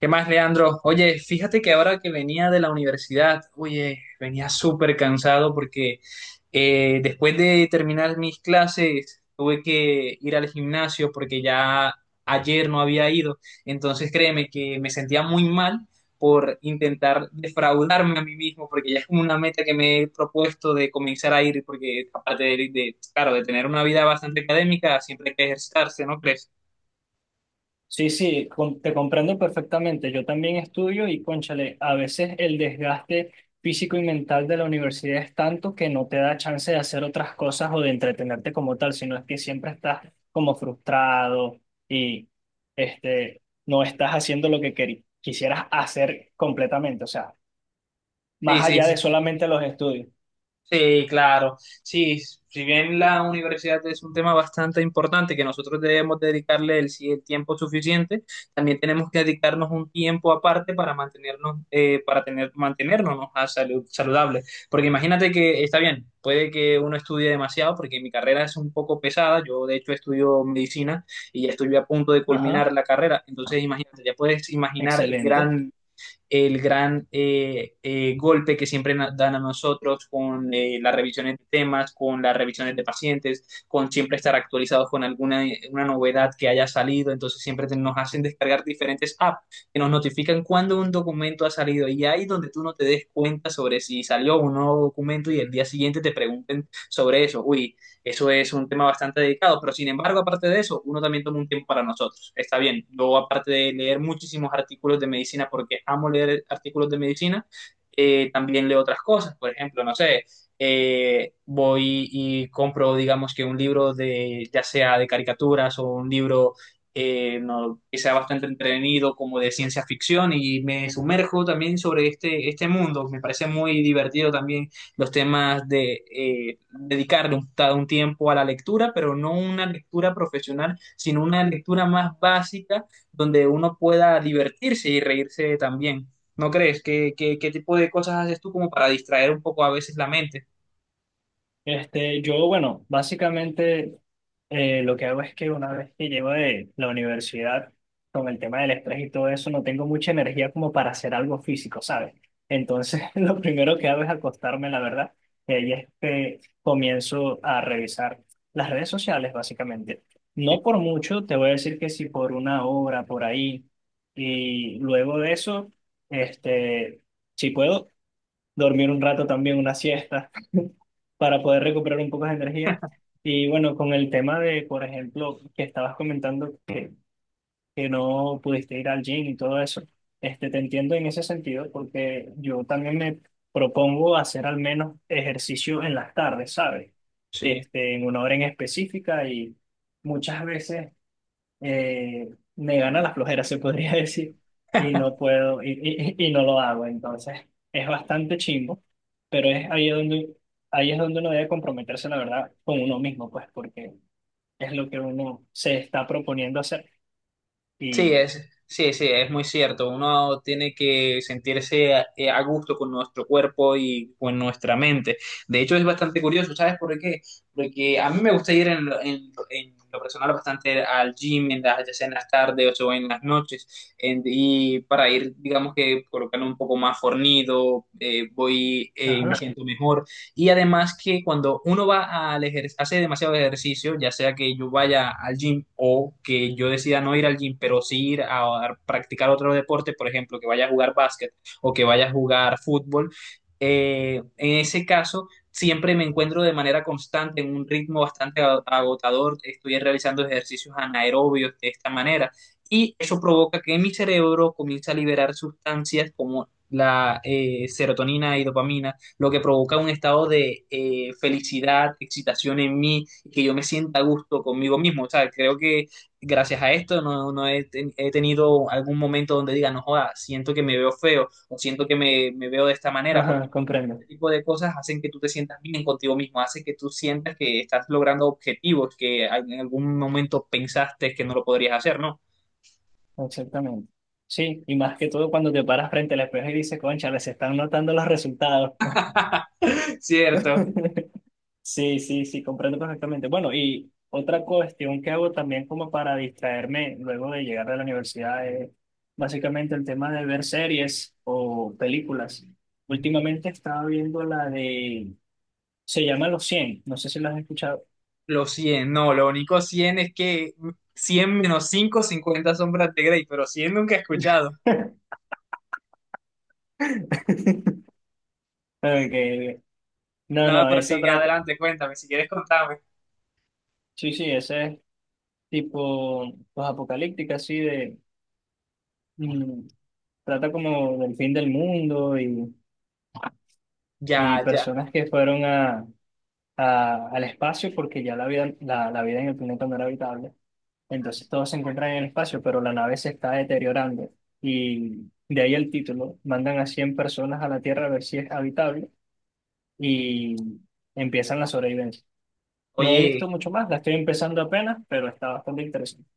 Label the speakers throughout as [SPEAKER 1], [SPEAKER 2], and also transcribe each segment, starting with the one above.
[SPEAKER 1] ¿Qué más, Leandro? Oye, fíjate que ahora que venía de la universidad, oye, venía súper cansado porque después de terminar mis clases tuve que ir al gimnasio porque ya ayer no había ido. Entonces créeme que me sentía muy mal por intentar defraudarme a mí mismo porque ya es como una meta que me he propuesto de comenzar a ir porque aparte de, claro, de tener una vida bastante académica, siempre hay que ejercitarse, ¿no crees?
[SPEAKER 2] Sí, sí, te comprendo perfectamente. Yo también estudio y, cónchale, a veces el desgaste físico y mental de la universidad es tanto que no te da chance de hacer otras cosas o de entretenerte como tal, sino es que siempre estás como frustrado y no estás haciendo lo que quisieras hacer completamente, o sea,
[SPEAKER 1] Sí,
[SPEAKER 2] más
[SPEAKER 1] sí.
[SPEAKER 2] allá
[SPEAKER 1] Sí.
[SPEAKER 2] de solamente los estudios.
[SPEAKER 1] Sí, claro. Sí, si bien la universidad es un tema bastante importante que nosotros debemos dedicarle el tiempo suficiente, también tenemos que dedicarnos un tiempo aparte para mantenernos, mantenernos a salud, saludables. Porque imagínate que está bien, puede que uno estudie demasiado, porque mi carrera es un poco pesada. Yo, de hecho, estudio medicina y ya estoy a punto de
[SPEAKER 2] Ajá,
[SPEAKER 1] culminar la carrera. Entonces, imagínate, ya puedes imaginar el
[SPEAKER 2] excelente.
[SPEAKER 1] gran golpe que siempre dan a nosotros con las revisiones de temas, con las revisiones de pacientes, con siempre estar actualizados con alguna una novedad que haya salido. Entonces siempre nos hacen descargar diferentes apps que nos notifican cuando un documento ha salido y ahí donde tú no te des cuenta sobre si salió un nuevo documento y el día siguiente te pregunten sobre eso. Uy, eso es un tema bastante dedicado, pero sin embargo, aparte de eso, uno también toma un tiempo para nosotros. Está bien, yo aparte de leer muchísimos artículos de medicina, porque amo leer artículos de medicina, también leo otras cosas, por ejemplo, no sé, voy y compro, digamos que un libro de, ya sea de caricaturas o un libro no, que sea bastante entretenido como de ciencia ficción y me sumerjo también sobre este mundo. Me parece muy divertido también los temas de dedicarle un tiempo a la lectura, pero no una lectura profesional, sino una lectura más básica donde uno pueda divertirse y reírse también. ¿No crees? ¿Qué tipo de cosas haces tú como para distraer un poco a veces la mente?
[SPEAKER 2] Este, yo, bueno, básicamente lo que hago es que una vez que llego de la universidad, con el tema del estrés y todo eso, no tengo mucha energía como para hacer algo físico, ¿sabes? Entonces, lo primero que hago es acostarme, la verdad, y ahí es que comienzo a revisar las redes sociales, básicamente. No por mucho, te voy a decir que sí por una hora, por ahí, y luego de eso, este, si puedo, dormir un rato también, una siesta para poder recuperar un poco de energía. Y bueno, con el tema de, por ejemplo, que estabas comentando que no pudiste ir al gym y todo eso, este, te entiendo en ese sentido porque yo también me propongo hacer al menos ejercicio en las tardes, ¿sabes?
[SPEAKER 1] Sí.
[SPEAKER 2] Este, en una hora en específica y muchas veces eh, me gana la flojera, se podría decir, y no puedo, y no lo hago. Entonces, es bastante chimbo, pero es ahí donde, ahí es donde uno debe comprometerse, la verdad, con uno mismo, pues, porque es lo que uno se está proponiendo hacer.
[SPEAKER 1] Sí,
[SPEAKER 2] Y,
[SPEAKER 1] es, sí, sí, es muy cierto. Uno tiene que sentirse a gusto con nuestro cuerpo y con nuestra mente. De hecho, es bastante curioso, ¿sabes por qué? Porque a mí me gusta ir en lo personal bastante al gym, en ya sea en las tardes o en las noches, y para ir, digamos que colocando un poco más fornido, voy y me
[SPEAKER 2] ajá,
[SPEAKER 1] siento mejor. Y además que cuando uno va al ejercicio, hace demasiado ejercicio, ya sea que yo vaya al gym o que yo decida no ir al gym, pero sí ir a practicar otro deporte, por ejemplo, que vaya a jugar básquet o que vaya a jugar fútbol, en ese caso siempre me encuentro de manera constante en un ritmo bastante agotador, estoy realizando ejercicios anaerobios de esta manera y eso provoca que mi cerebro comience a liberar sustancias como la serotonina y dopamina lo que provoca un estado de felicidad, excitación en mí, y que yo me sienta a gusto conmigo mismo. O sea, creo que gracias a esto no, no he tenido algún momento donde diga, no joda, siento que me veo feo o siento que me veo de esta manera, porque
[SPEAKER 2] ajá, comprendo,
[SPEAKER 1] este tipo de cosas hacen que tú te sientas bien contigo mismo, hace que tú sientas que estás logrando objetivos que en algún momento pensaste que no lo podrías hacer, ¿no?
[SPEAKER 2] exactamente. Sí, y más que todo cuando te paras frente al espejo y dices, concha, les están notando los resultados.
[SPEAKER 1] Cierto.
[SPEAKER 2] Sí, sí, sí, comprendo perfectamente. Bueno, y otra cuestión que hago también como para distraerme luego de llegar de la universidad es básicamente el tema de ver series o películas. Últimamente estaba viendo la de, se llama Los cien, no sé si la has escuchado.
[SPEAKER 1] Los 100, no, lo único 100 es que 100 menos 5, 50 sombras de Grey, pero 100 nunca he escuchado.
[SPEAKER 2] Okay. No,
[SPEAKER 1] No,
[SPEAKER 2] no,
[SPEAKER 1] pero
[SPEAKER 2] esa
[SPEAKER 1] sí,
[SPEAKER 2] trata,
[SPEAKER 1] adelante, cuéntame, si quieres contame.
[SPEAKER 2] sí, sí, ese es tipo pues, apocalíptica, así de, mm, trata como del fin del mundo y
[SPEAKER 1] Ya, ya.
[SPEAKER 2] personas que fueron a, al espacio porque ya la vida, la vida en el planeta no era habitable. Entonces todos se encuentran en el espacio, pero la nave se está deteriorando. Y de ahí el título, mandan a 100 personas a la Tierra a ver si es habitable y empiezan la sobrevivencia. No he visto
[SPEAKER 1] Oye,
[SPEAKER 2] mucho más, la estoy empezando apenas, pero está bastante interesante.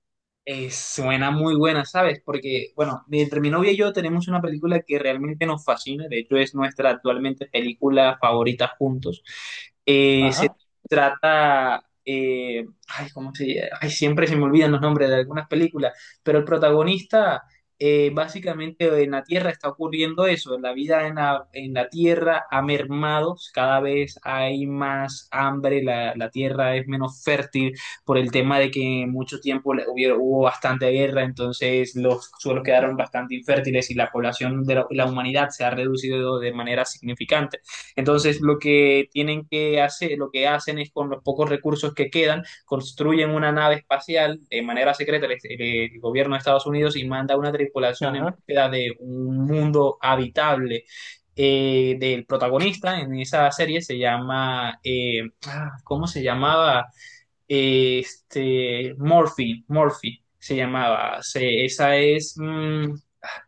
[SPEAKER 1] Suena muy buena, ¿sabes? Porque, bueno, entre mi novia y yo tenemos una película que realmente nos fascina, de hecho es nuestra actualmente película favorita juntos. Se
[SPEAKER 2] Ajá,
[SPEAKER 1] trata, ay, ¿cómo se llama? Ay, siempre se me olvidan los nombres de algunas películas, pero el protagonista, básicamente en la Tierra está ocurriendo eso, la vida en la Tierra ha mermado, cada vez hay más hambre, la Tierra es menos fértil, por el tema de que mucho tiempo hubo bastante guerra, entonces los suelos quedaron bastante infértiles y la población de la humanidad se ha reducido de manera significante. Entonces lo que tienen que hacer, lo que hacen es con los pocos recursos que quedan, construyen una nave espacial de manera secreta el gobierno de Estados Unidos y manda una tripulación en
[SPEAKER 2] ajá.
[SPEAKER 1] búsqueda de un mundo habitable. Del protagonista en esa serie se llama, ah, ¿cómo se llamaba? Este, Morphy, Morphy se llamaba. Esa es,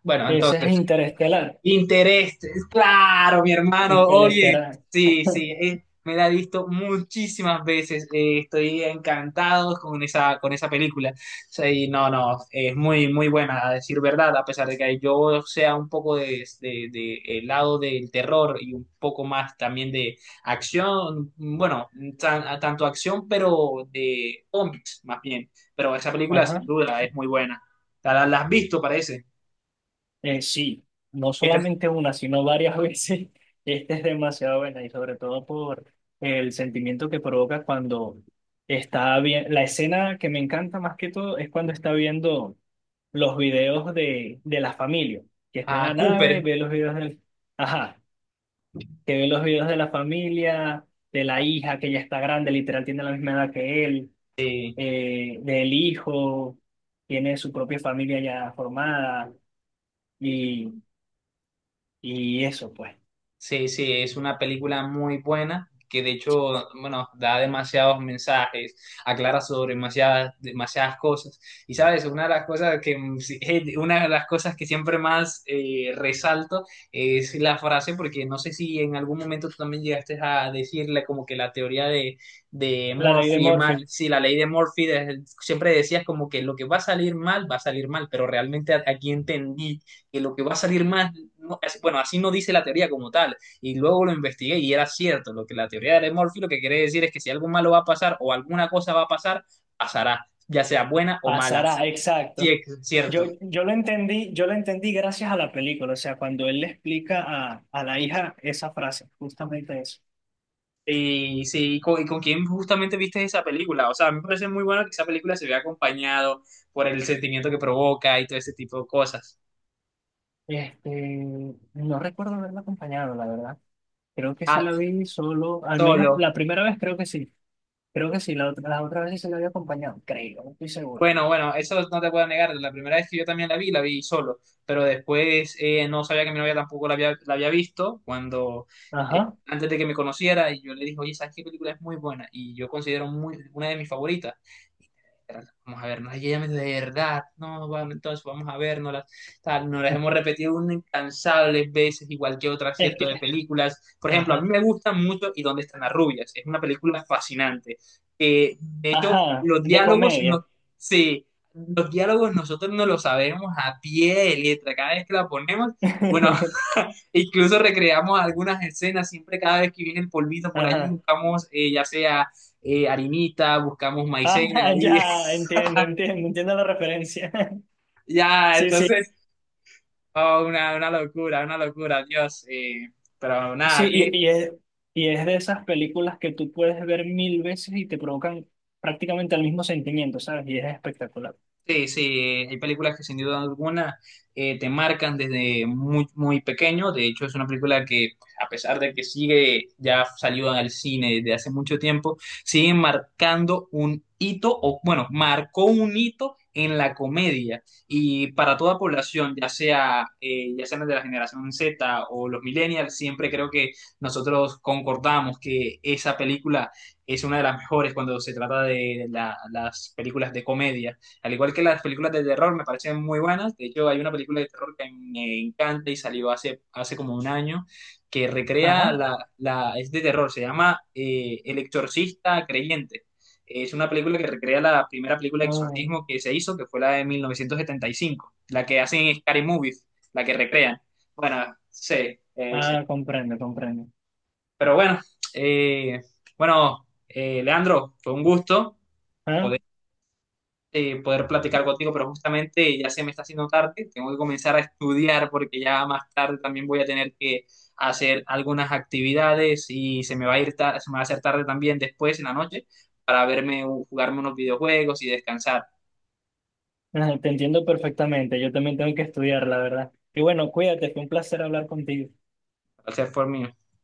[SPEAKER 1] bueno,
[SPEAKER 2] Ese es
[SPEAKER 1] entonces,
[SPEAKER 2] Interestelar.
[SPEAKER 1] Interés, claro, mi hermano, oye,
[SPEAKER 2] Interestelar.
[SPEAKER 1] sí, sí, me la he visto muchísimas veces, estoy encantado con esa película, sí, no, no, es muy, muy buena, a decir verdad, a pesar de que yo sea un poco de el lado del terror y un poco más también de acción, bueno, tanto acción, pero de zombies, más bien, pero esa película sin
[SPEAKER 2] Ajá.
[SPEAKER 1] duda es muy buena, la has visto, parece,
[SPEAKER 2] Sí, no
[SPEAKER 1] Esta-
[SPEAKER 2] solamente una, sino varias veces. Esta es demasiado buena y sobre todo por el sentimiento que provoca cuando está bien. La escena que me encanta más que todo es cuando está viendo los videos de la familia, que está en
[SPEAKER 1] a
[SPEAKER 2] la nave,
[SPEAKER 1] Cooper.
[SPEAKER 2] ve los videos del... Ajá, que ve los videos de la familia, de la hija que ya está grande, literal tiene la misma edad que él,
[SPEAKER 1] eh,
[SPEAKER 2] del hijo, tiene su propia familia ya formada y, y eso, pues.
[SPEAKER 1] Sí, sí, es una película muy buena que de hecho, bueno, da demasiados mensajes, aclara sobre demasiadas, demasiadas cosas. Y sabes, una de las cosas que, sí, una de las cosas que siempre más resalto es la frase, porque no sé si en algún momento tú también llegaste a decirle como que la teoría de
[SPEAKER 2] La ley de
[SPEAKER 1] Murphy
[SPEAKER 2] Murphy.
[SPEAKER 1] mal, sí, la ley de Murphy, siempre decías como que lo que va a salir mal, va a salir mal, pero realmente aquí entendí que lo que va a salir mal no, bueno, así no dice la teoría como tal. Y luego lo investigué y era cierto. Lo que la teoría de Murphy lo que quiere decir es que si algo malo va a pasar o alguna cosa va a pasar, pasará, ya sea buena o mala.
[SPEAKER 2] Pasará,
[SPEAKER 1] Sí,
[SPEAKER 2] exacto.
[SPEAKER 1] es cierto.
[SPEAKER 2] Yo lo entendí gracias a la película, o sea, cuando él le explica a la hija esa frase, justamente eso.
[SPEAKER 1] Y sí, y con quién justamente viste esa película. O sea, a mí me parece muy bueno que esa película se vea acompañado por el sentimiento que provoca y todo ese tipo de cosas.
[SPEAKER 2] Este, no recuerdo haberla acompañado, la verdad. Creo que sí
[SPEAKER 1] Ah,
[SPEAKER 2] la vi solo, al menos
[SPEAKER 1] solo.
[SPEAKER 2] la primera vez creo que sí. Creo que sí, la otra, las otras veces se la había acompañado, creo, no estoy seguro.
[SPEAKER 1] Bueno, bueno, eso no te puedo negar. La primera vez que yo también la vi solo, pero después no sabía que mi novia tampoco la había visto cuando eh,
[SPEAKER 2] Ajá.
[SPEAKER 1] antes de que me conociera y yo le dije, oye, ¿sabes qué película es muy buena? Y yo considero una de mis favoritas. Pero Vamos a vernos, y ella me dice, de verdad, no, vamos, entonces vamos a vernos, tal, nos las hemos repetido unas incansables veces, igual que otras,
[SPEAKER 2] Es
[SPEAKER 1] cierto, de
[SPEAKER 2] que,
[SPEAKER 1] películas. Por ejemplo, a
[SPEAKER 2] ajá,
[SPEAKER 1] mí me gusta mucho ¿Y dónde están las rubias? Es una película fascinante. De hecho,
[SPEAKER 2] ajá,
[SPEAKER 1] los
[SPEAKER 2] de
[SPEAKER 1] diálogos,
[SPEAKER 2] comedia.
[SPEAKER 1] no, Sí, los diálogos nosotros no los sabemos a pie de letra, cada vez que la ponemos, bueno, incluso recreamos algunas escenas, siempre cada vez que viene el polvito por allí
[SPEAKER 2] Ajá.
[SPEAKER 1] buscamos ya sea harinita, buscamos maicena,
[SPEAKER 2] Ajá,
[SPEAKER 1] y
[SPEAKER 2] ya, entiendo, entiendo, entiendo la referencia.
[SPEAKER 1] ya,
[SPEAKER 2] Sí, sí.
[SPEAKER 1] entonces, oh, una locura, una locura, Dios, pero
[SPEAKER 2] Sí,
[SPEAKER 1] nada, ¿qué,
[SPEAKER 2] y es de esas películas que tú puedes ver mil veces y te provocan prácticamente el mismo sentimiento, ¿sabes? Y es espectacular.
[SPEAKER 1] Sí, sí, hay películas que sin duda alguna te marcan desde muy, muy pequeño. De hecho, es una película que, pues, a pesar de que sigue, ya salió al cine desde hace mucho tiempo, sigue marcando un hito, o bueno, marcó un hito en la comedia. Y para toda población, ya sea, ya sean de la generación Z o los millennials, siempre creo que nosotros concordamos que esa película es una de las mejores cuando se trata de las películas de comedia. Al igual que las películas de terror, me parecen muy buenas. De hecho, hay una película de terror que me encanta y salió hace como un año, que recrea
[SPEAKER 2] Ajá.
[SPEAKER 1] la es de terror, se llama El Exorcista Creyente. Es una película que recrea la primera película de
[SPEAKER 2] Oh.
[SPEAKER 1] exorcismo que se hizo, que fue la de 1975, la que hacen Scary Movies, la que recrean. Bueno, sí, sí.
[SPEAKER 2] Ah, comprendo, comprendo.
[SPEAKER 1] Pero bueno, eh, bueno, Leandro, fue un gusto.
[SPEAKER 2] Ah,
[SPEAKER 1] Poder platicar contigo, pero justamente ya se me está haciendo tarde, tengo que comenzar a estudiar porque ya más tarde también voy a tener que hacer algunas actividades y se me va a ir se me va a hacer tarde también después en la noche para verme, jugarme unos videojuegos y descansar.
[SPEAKER 2] ah, te entiendo perfectamente. Yo también tengo que estudiar, la verdad. Y bueno, cuídate, fue un placer hablar contigo.
[SPEAKER 1] Placer fue mío.